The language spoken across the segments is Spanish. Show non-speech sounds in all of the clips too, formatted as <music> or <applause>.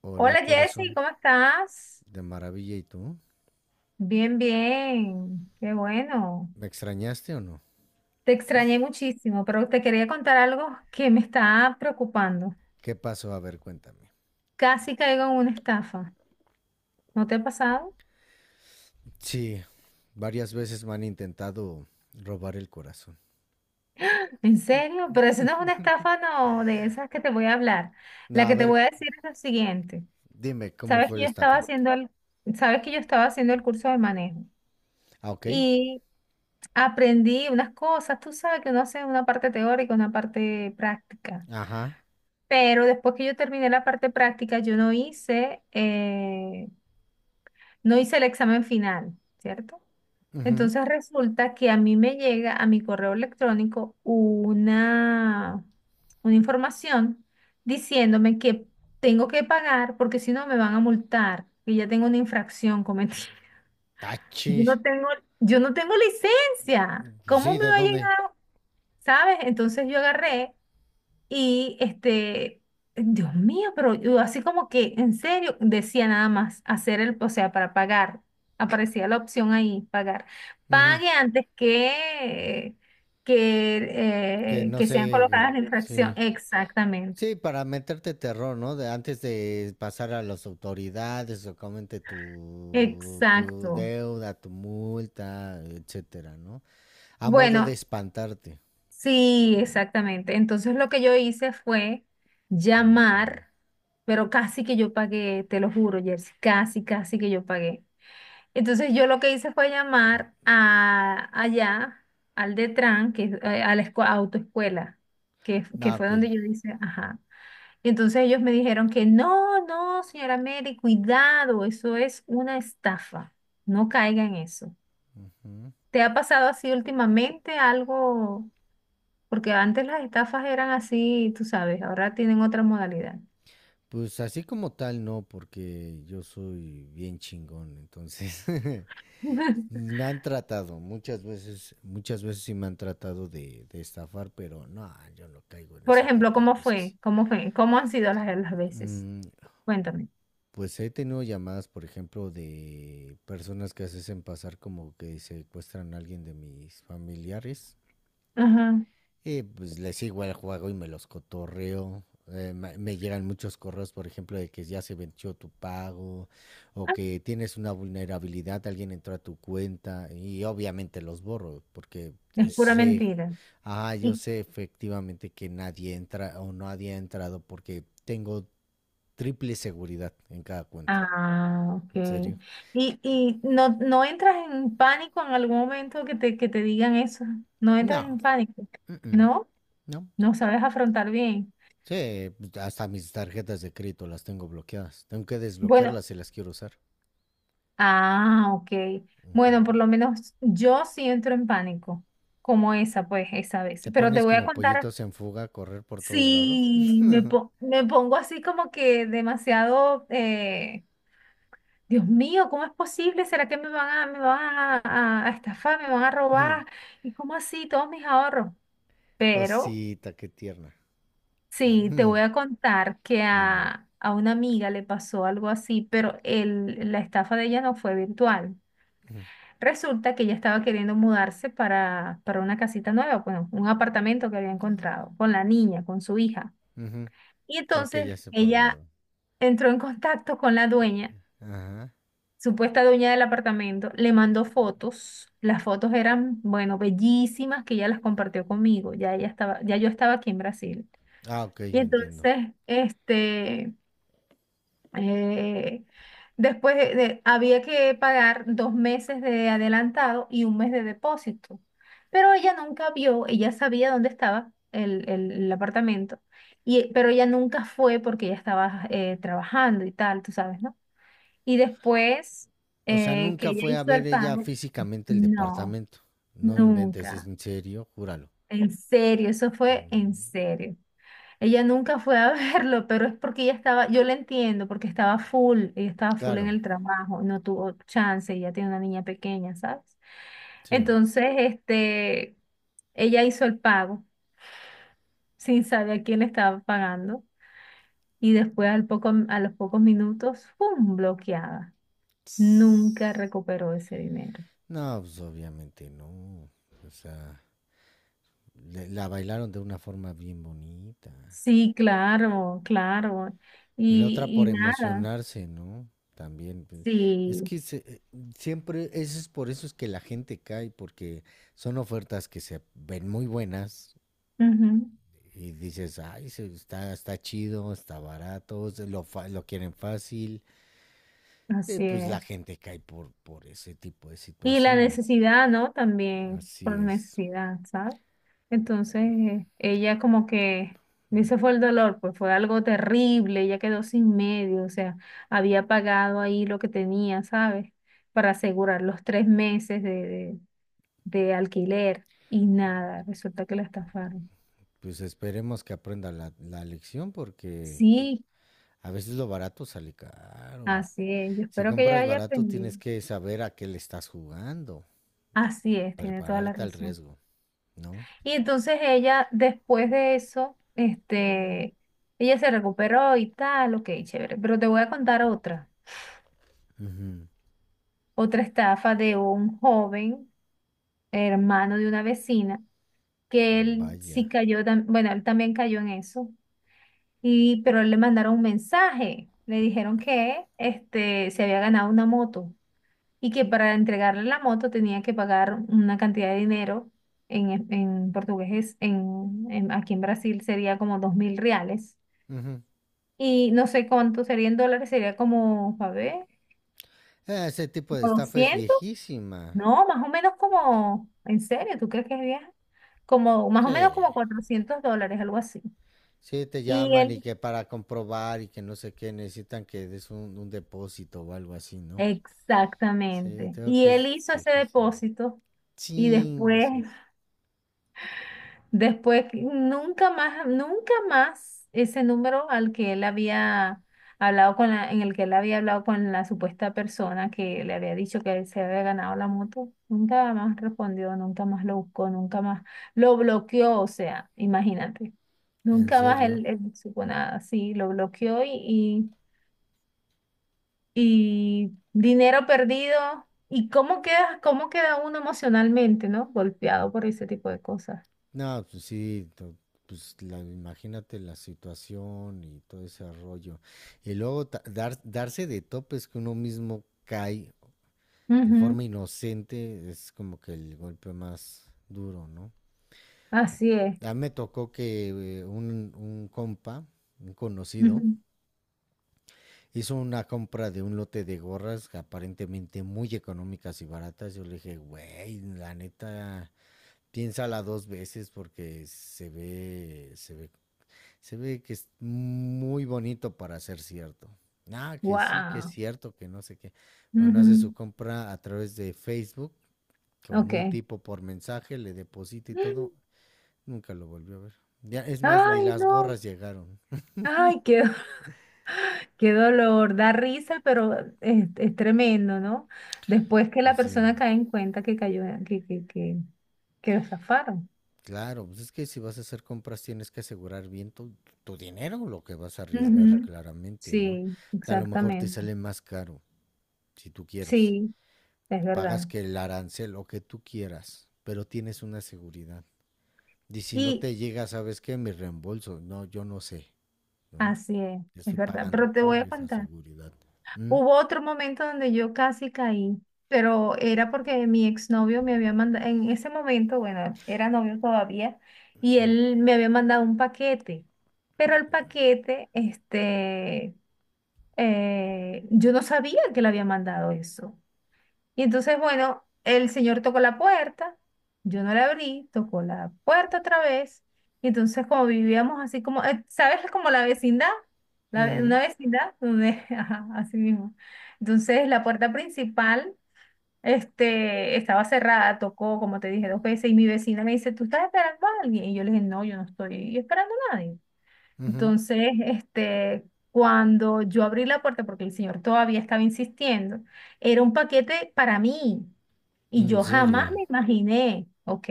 Hola Hola Jessy, corazón, ¿cómo estás? de maravilla y tú. Bien, bien, qué bueno. ¿Me extrañaste o no? Te extrañé muchísimo, pero te quería contar algo que me está preocupando. ¿Qué pasó? A ver, cuéntame. Casi caigo en una estafa. ¿No te ha pasado? Sí, varias veces me han intentado robar el corazón. ¿En serio? Pero eso no es una estafa, no, de esas que te voy a hablar. No, La a que te ver, voy a decir es lo siguiente. dime, ¿cómo Sabes fue que la yo estaba estafa? haciendo el, sabes que yo estaba haciendo el curso de manejo. Ah, ok. Y aprendí unas cosas, tú sabes que uno hace una parte teórica, una parte práctica. Ajá. Pero después que yo terminé la parte práctica, yo no hice, no hice el examen final, ¿cierto? Ujú. Entonces resulta que a mí me llega a mi correo electrónico una información diciéndome que tengo que pagar porque si no me van a multar, que ya tengo una infracción cometida. Tachi. Yo no tengo, yo no tengo licencia. ¿Cómo Sí, me ¿de va a dónde? llegar? ¿Sabes? Entonces yo agarré y Dios mío, pero yo así como que en serio decía nada más hacer el, o sea, para pagar. Aparecía la opción ahí, pagar. Ujú. Pague antes que, Que eh, no que sean sé. Colocadas la infracción. Sí. Exactamente. Sí, para meterte terror, ¿no? De antes de pasar a las autoridades o comente tu Exacto. deuda, tu multa, etcétera, ¿no? A modo de Bueno, espantarte. sí, exactamente. Entonces lo que yo hice fue Ujú. llamar, pero casi que yo pagué, te lo juro, Jersey, casi, casi que yo pagué. Entonces yo lo que hice fue llamar a allá, al Detran, que es a la autoescuela, que Ah, fue ok. donde yo hice, ajá. Y entonces ellos me dijeron que no, no, señora Mary, cuidado, eso es una estafa. No caiga en eso. Ujú. ¿Te ha pasado así últimamente algo? Porque antes las estafas eran así, tú sabes, ahora tienen otra modalidad. Pues así como tal, no, porque yo soy bien chingón, entonces <laughs> <laughs> me han tratado muchas veces sí me han tratado de estafar, pero no, yo no caigo en Por ese ejemplo, tipo de ¿cómo cosas. fue? ¿Cómo fue? ¿Cómo han sido las veces? Mm, Cuéntame. pues he tenido llamadas, por ejemplo, de personas que se hacen pasar como que secuestran a alguien de mis familiares. Ajá. Y pues les sigo el juego y me los cotorreo. Me llegan muchos correos, por ejemplo, de que ya se venció tu pago o Ah, que tienes una vulnerabilidad, alguien entró a tu cuenta y obviamente los borro porque es pura sé, mentira. ah, yo Y, sé efectivamente que nadie entra o nadie ha entrado porque tengo triple seguridad en cada cuenta. ah, ok. ¿En serio? ¿Y no, no entras en pánico en algún momento que te digan eso? ¿No entras en No, pánico? mm-mm, ¿No? no. ¿No sabes afrontar bien? Sí, hasta mis tarjetas de crédito las tengo bloqueadas. Tengo que Bueno, desbloquearlas si las quiero usar. ah, ok. Bueno, por lo menos yo sí entro en pánico, como esa, pues, esa vez. Te Pero te pones voy a como contar, pollitos en fuga a correr por todos lados. sí, me pongo así como que demasiado, Dios mío, ¿cómo es posible? ¿Será que me van a estafar, me van a robar? <laughs> ¿Y cómo así todos mis ahorros? Pero Cosita, qué tierna. sí, te voy a <laughs> contar que Dime. a una amiga le pasó algo así, pero la estafa de ella no fue virtual. <laughs> Resulta que ella estaba queriendo mudarse para una casita nueva, bueno, un apartamento que había encontrado con la niña, con su hija. Ujú. Y Creo que entonces ya sé por dónde ella va. entró en contacto con la dueña, Ajá. supuesta dueña del apartamento, le mandó fotos. Las fotos eran, bueno, bellísimas que ella las compartió conmigo. Ya yo estaba aquí en Brasil. Ah, ok, Y entiendo. entonces, Eh, después había que pagar 2 meses de adelantado y un mes de depósito. Pero ella nunca vio, ella sabía dónde estaba el apartamento, y, pero ella nunca fue porque ella estaba trabajando y tal, tú sabes, ¿no? Y después O sea, que nunca ella fue a hizo ver el ella pago, físicamente el no, departamento. No inventes, es nunca. en serio, júralo. En serio, eso fue en Mm, serio. Ella nunca fue a <laughs> verlo, pero es porque ella estaba, yo la entiendo, porque estaba full, ella estaba full claro, en el trabajo, no tuvo chance, ella tiene una niña pequeña, ¿sabes? sí. Entonces, este, ella hizo el pago sin saber a quién le estaba pagando y después a los pocos minutos, ¡pum!, bloqueada. Nunca recuperó ese dinero. No, pues obviamente no. O sea, la bailaron de una forma bien bonita. Sí, claro, claro. Y la otra Y, por y nada, emocionarse, ¿no? También. Pues, es sí, que siempre, eso es por eso es que la gente cae, porque son ofertas que se ven muy buenas ujú, y dices, ay, está, está chido, está barato, se lo, lo quieren fácil. Así Pues la es. gente cae por ese tipo de Y la situaciones. necesidad, ¿no? También Así por es. necesidad, ¿sabes? Entonces, ella como que, ese fue el dolor, pues fue algo terrible, ella quedó sin medio, o sea, había pagado ahí lo que tenía, ¿sabes? Para asegurar los 3 meses de alquiler y nada, resulta que la estafaron. Pues esperemos que aprenda la, la lección porque Sí, a veces lo barato sale caro. así es, yo Si espero que ella compras haya barato aprendido. tienes que saber a qué le estás jugando. Así es, tiene toda la Prepararte al razón. riesgo, ¿no? Y entonces ella, después de eso, este, ella se recuperó y tal, ok, chévere. Pero te voy a contar otra, Uh -huh. otra estafa de un joven hermano de una vecina, que él sí Vaya. cayó, bueno, él también cayó en eso, pero le mandaron un mensaje, le dijeron que se había ganado una moto y que para entregarle la moto tenía que pagar una cantidad de dinero, en portugués, aquí en Brasil sería como 2000 reales. Uh -huh. Y no sé cuánto sería en dólares, sería como, a ver, Ese tipo de como estafa es 200, viejísima. no, más o menos como, en serio, ¿tú crees que es viaje? Como, más o Sí. menos como 400 dólares, algo así. Sí, te Y llaman y él, que para comprobar y que no sé qué necesitan que des un depósito o algo así, ¿no? Sí, exactamente, creo y que él es hizo ese viejísimo. depósito y Ching, eso. después, nunca más, nunca más ese número al que él había hablado con la, en el que él había hablado con la supuesta persona que le había dicho que él se había ganado la moto, nunca más respondió, nunca más lo buscó, nunca más lo bloqueó, o sea, imagínate, ¿En nunca más serio? él supo nada, sí, lo bloqueó y dinero perdido. ¿Y cómo queda uno emocionalmente, ¿no? Golpeado por ese tipo de cosas. No, pues sí, no, pues la, imagínate la situación y todo ese rollo. Y luego darse de topes que uno mismo cae de Ujú, forma inocente es como que el golpe más duro, ¿no? así es. A mí me tocó que un compa, un conocido, hizo una compra de un lote de gorras aparentemente muy económicas y baratas. Yo le dije, güey, la neta, piénsala dos veces porque se ve, se ve, se ve que es muy bonito para ser cierto. Ah, que sí, que es Wow. cierto, que no sé qué. Bueno, hace su compra a través de Facebook con un Ok. tipo por mensaje, le deposita y todo, nunca lo volvió a ver. Ya, es más, ni Ay, las no. gorras llegaron. Ay, <laughs> qué dolor. Da risa, pero es tremendo, ¿no? Después que la Pues persona sí, cae en cuenta que cayó, que lo zafaron. claro, pues es que si vas a hacer compras tienes que asegurar bien tu, tu dinero, lo que vas a arriesgar Ujú. claramente, ¿no? Sí, A lo mejor te exactamente. sale más caro, si tú quieres. Sí, es Pagas verdad. que el arancel, lo que tú quieras, pero tienes una seguridad. Y si no Y te llega, ¿sabes qué? Mi reembolso. No, yo no sé, ¿no? así es Estoy verdad. pagando Pero te voy por a esa contar. seguridad. ¿Mm? Hubo otro momento donde yo casi caí, pero era porque mi exnovio me había mandado, en ese momento, bueno, era novio todavía, y él me había mandado un paquete, pero el paquete, este, yo no sabía que le había mandado eso. Y entonces, bueno, el señor tocó la puerta, yo no la abrí, tocó la puerta otra vez, y entonces como vivíamos así como, ¿sabes? <laughs> Como la vecindad, Ujú, una vecindad donde, <laughs> ajá, así mismo. Entonces la puerta principal, estaba cerrada, tocó, como te dije, 2 veces, y mi vecina me dice, ¿tú estás esperando a alguien? Y yo le dije, no, yo no estoy esperando a nadie. ujú. Entonces, cuando yo abrí la puerta, porque el señor todavía estaba insistiendo, era un paquete para mí. Y ¿En yo jamás serio? me imaginé, ¿ok?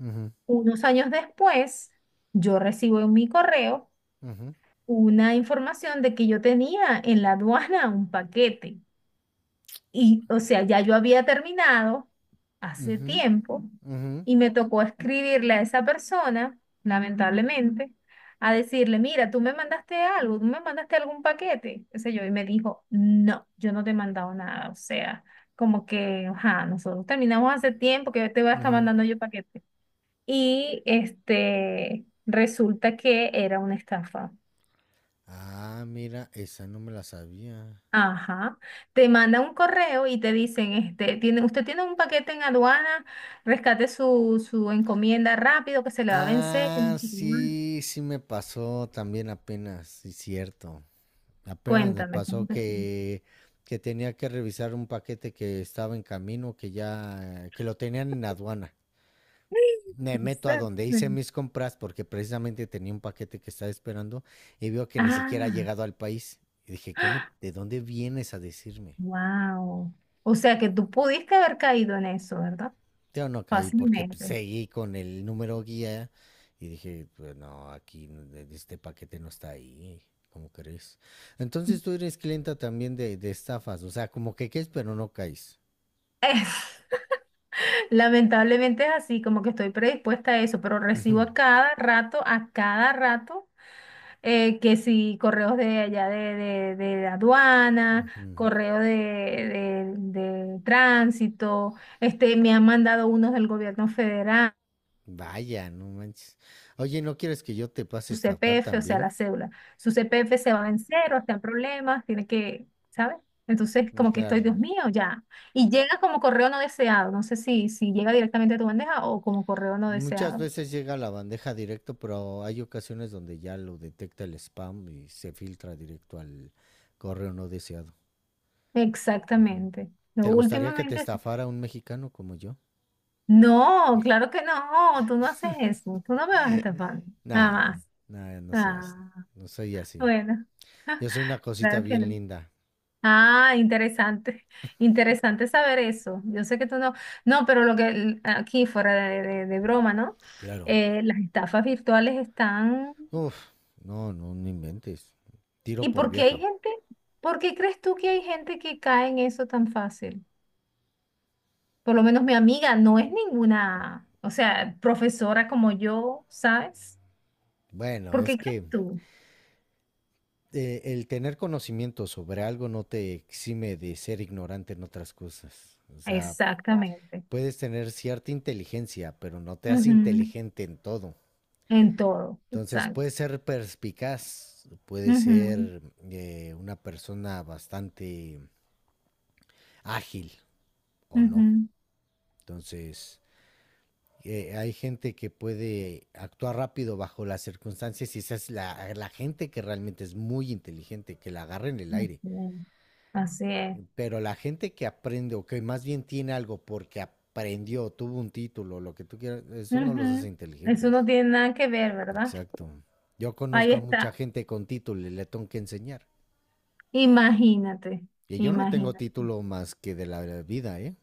Ujú, Unos años después, yo recibo en mi correo ujú, una información de que yo tenía en la aduana un paquete. Y, o sea, ya yo había terminado hace ujú, tiempo ujú, y me tocó escribirle a esa persona, lamentablemente, a decirle, mira, tú me mandaste algo, tú me mandaste algún paquete, qué sé yo, y me dijo, no, yo no te he mandado nada, o sea, como que, ajá, nosotros terminamos hace tiempo que te voy a estar ujú. mandando yo paquete. Y resulta que era una estafa. Ah, mira, esa no me la sabía. Ajá. Te manda un correo y te dicen, usted tiene un paquete en aduana, rescate su, encomienda rápido que se le va a vencer, que Ah, no sé qué más. sí, sí me pasó también apenas, sí, cierto. Apenas me Cuéntame, ¿cómo pasó te fue? Que tenía que revisar un paquete que estaba en camino, que ya, que lo tenían en aduana. Me meto a donde hice Exactamente. mis compras porque precisamente tenía un paquete que estaba esperando y veo que ni siquiera ha Ah, llegado al país. Y dije, ¿cómo, de dónde vienes a decirme? wow. O sea que tú pudiste haber caído en eso, ¿verdad? Yo no caí porque pues, Fácilmente. seguí con el número guía y dije, pues no, aquí este paquete no está ahí, ¿cómo crees? Entonces tú eres clienta también de estafas, o sea, como que caes pero no caes. Es- <laughs> lamentablemente es así, como que estoy predispuesta a eso, pero recibo a cada rato, a cada rato. Que si correos de allá de aduana, Ujú. correo de, de tránsito, me han mandado unos del gobierno federal, Vaya, no manches. Oye, ¿no quieres que yo te pase a su estafar CPF, o sea, también? la cédula. Su CPF se va en cero, está en problemas, tiene que, ¿sabes? Entonces, Mm, como que estoy, claro. Dios mío, ya. Y llega como correo no deseado, no sé si llega directamente a tu bandeja o como correo no Muchas deseado. veces llega a la bandeja directo, pero hay ocasiones donde ya lo detecta el spam y se filtra directo al correo no deseado. Exactamente. No, ¿Te gustaría que te últimamente. estafara un mexicano como yo? No, claro que no, tú no haces eso, tú no me vas estafando, Nah, nada más. nah, no sé. Ah, No soy así. bueno, Yo soy una <laughs> cosita claro que bien no. linda. Ah, interesante, <laughs> interesante saber eso. Yo sé que tú no, no, pero lo que aquí fuera de, de broma, ¿no? Claro. Las estafas virtuales están... Uf, no, no, no inventes. Tiro ¿Y por por qué hay viaje. gente? ¿Por qué crees tú que hay gente que cae en eso tan fácil? Por lo menos mi amiga no es ninguna, o sea, profesora como yo, ¿sabes? Bueno, ¿Por es qué crees que tú? El tener conocimiento sobre algo no te exime de ser ignorante en otras cosas. O sea, Exactamente. puedes tener cierta inteligencia, pero no te hace Ujú. inteligente en todo. En todo, Entonces, exacto. puedes ser perspicaz, puedes Ujú, ser una persona bastante ágil o no. ujú. Entonces, hay gente que puede actuar rápido bajo las circunstancias y esa es la, la gente que realmente es muy inteligente, que la agarra en el aire. Así es. Así es. Pero la gente que aprende o que más bien tiene algo porque aprendió, tuvo un título, lo que tú quieras, eso no los hace Ujú. Eso no inteligentes. tiene nada que ver, ¿verdad? Exacto. Yo Ahí conozco a mucha está. gente con título y le tengo que enseñar. Imagínate, Y yo no tengo imagínate. título más que de la vida, ¿eh?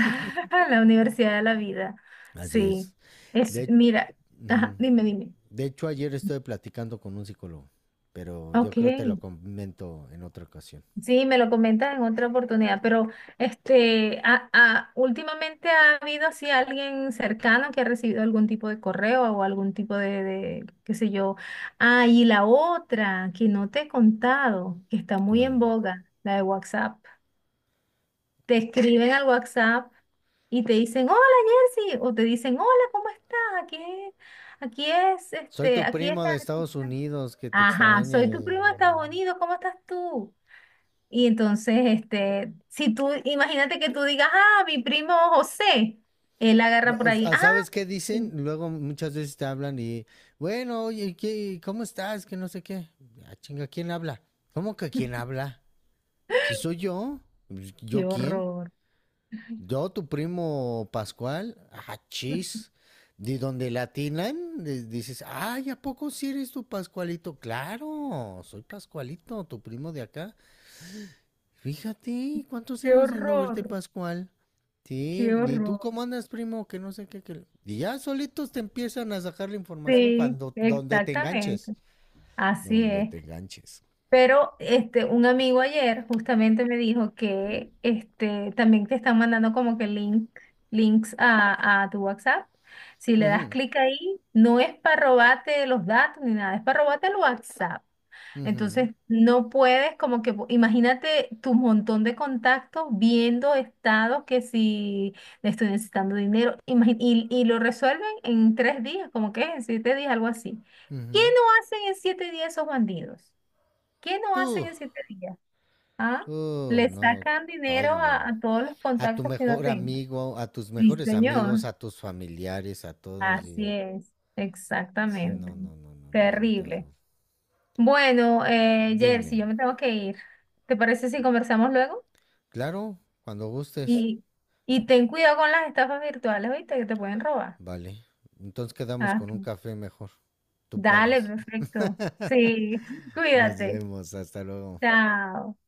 <laughs> La universidad de la vida. Así es. Sí. Es, De, mira, uh ajá, -huh. dime, dime. De hecho, ayer estuve platicando con un psicólogo, pero yo Ok. creo te lo comento en otra ocasión. Sí, me lo comentas en otra oportunidad, pero últimamente ha habido así alguien cercano que ha recibido algún tipo de correo o algún tipo qué sé yo. Ah, y la otra que no te he contado, que está muy en ¿Cuál? boga, la de WhatsApp. Te escriben al WhatsApp y te dicen, hola Jersey, o te dicen, hola, ¿cómo estás? Aquí, Soy tu aquí es primo de la... Estados Unidos, que te Ajá, extraña. soy tu primo de Estados Unidos, ¿cómo estás tú? Y entonces, si tú, imagínate que tú digas, ah, mi primo José, él agarra por ahí, ah, ¿Sabes qué dicen? sí. Luego muchas veces te hablan y, bueno, oye, ¿qué, ¿cómo estás? Que no sé qué. Ah, chinga, ¿quién habla? ¿Cómo que quién <laughs> habla? Si soy yo, pues, Qué ¿yo quién? horror, Yo, tu primo Pascual, ah, chis. De donde le atinan, dices, ay, ¿a poco si eres tu Pascualito? Claro, soy Pascualito, tu primo de acá. Fíjate, ¿cuántos qué años de no verte, horror, Pascual? Sí, qué ¿y tú horror. cómo andas, primo? Que no sé qué, que... Y ya solitos te empiezan a sacar la información Sí, cuando, donde te enganches. exactamente, así Donde es. te enganches. Pero un amigo ayer justamente me dijo que también te están mandando como que links a tu WhatsApp. Si le das Ujú, clic ahí, no es para robarte los datos ni nada, es para robarte el WhatsApp. ujú, Entonces, no puedes como que, imagínate tu montón de contactos viendo estados que si le estoy necesitando dinero, y lo resuelven en 3 días, como que en 7 días, algo así. ¿Qué ujú. no hacen en 7 días esos bandidos? ¿Qué no hacen Tú, en siete días? ¿Ah? Le no, sacan dinero a, todo. a todos los A tu contactos que no mejor tengan. amigo, a tus Sí, mejores amigos, señor. a tus familiares, a todos Así y... es, Sí, exactamente. no, no, no, no, no es un Terrible. terror. Bueno, Dime. Jersey, yo me tengo que ir. ¿Te parece si conversamos luego? Claro, cuando gustes. Y, y ten cuidado con las estafas virtuales, ¿viste? Que te pueden robar. Vale. Entonces quedamos Ah, con un ok. café mejor. Tú Dale, pagas. perfecto. Sí, <laughs> Nos cuídate. vemos, hasta luego. Chao.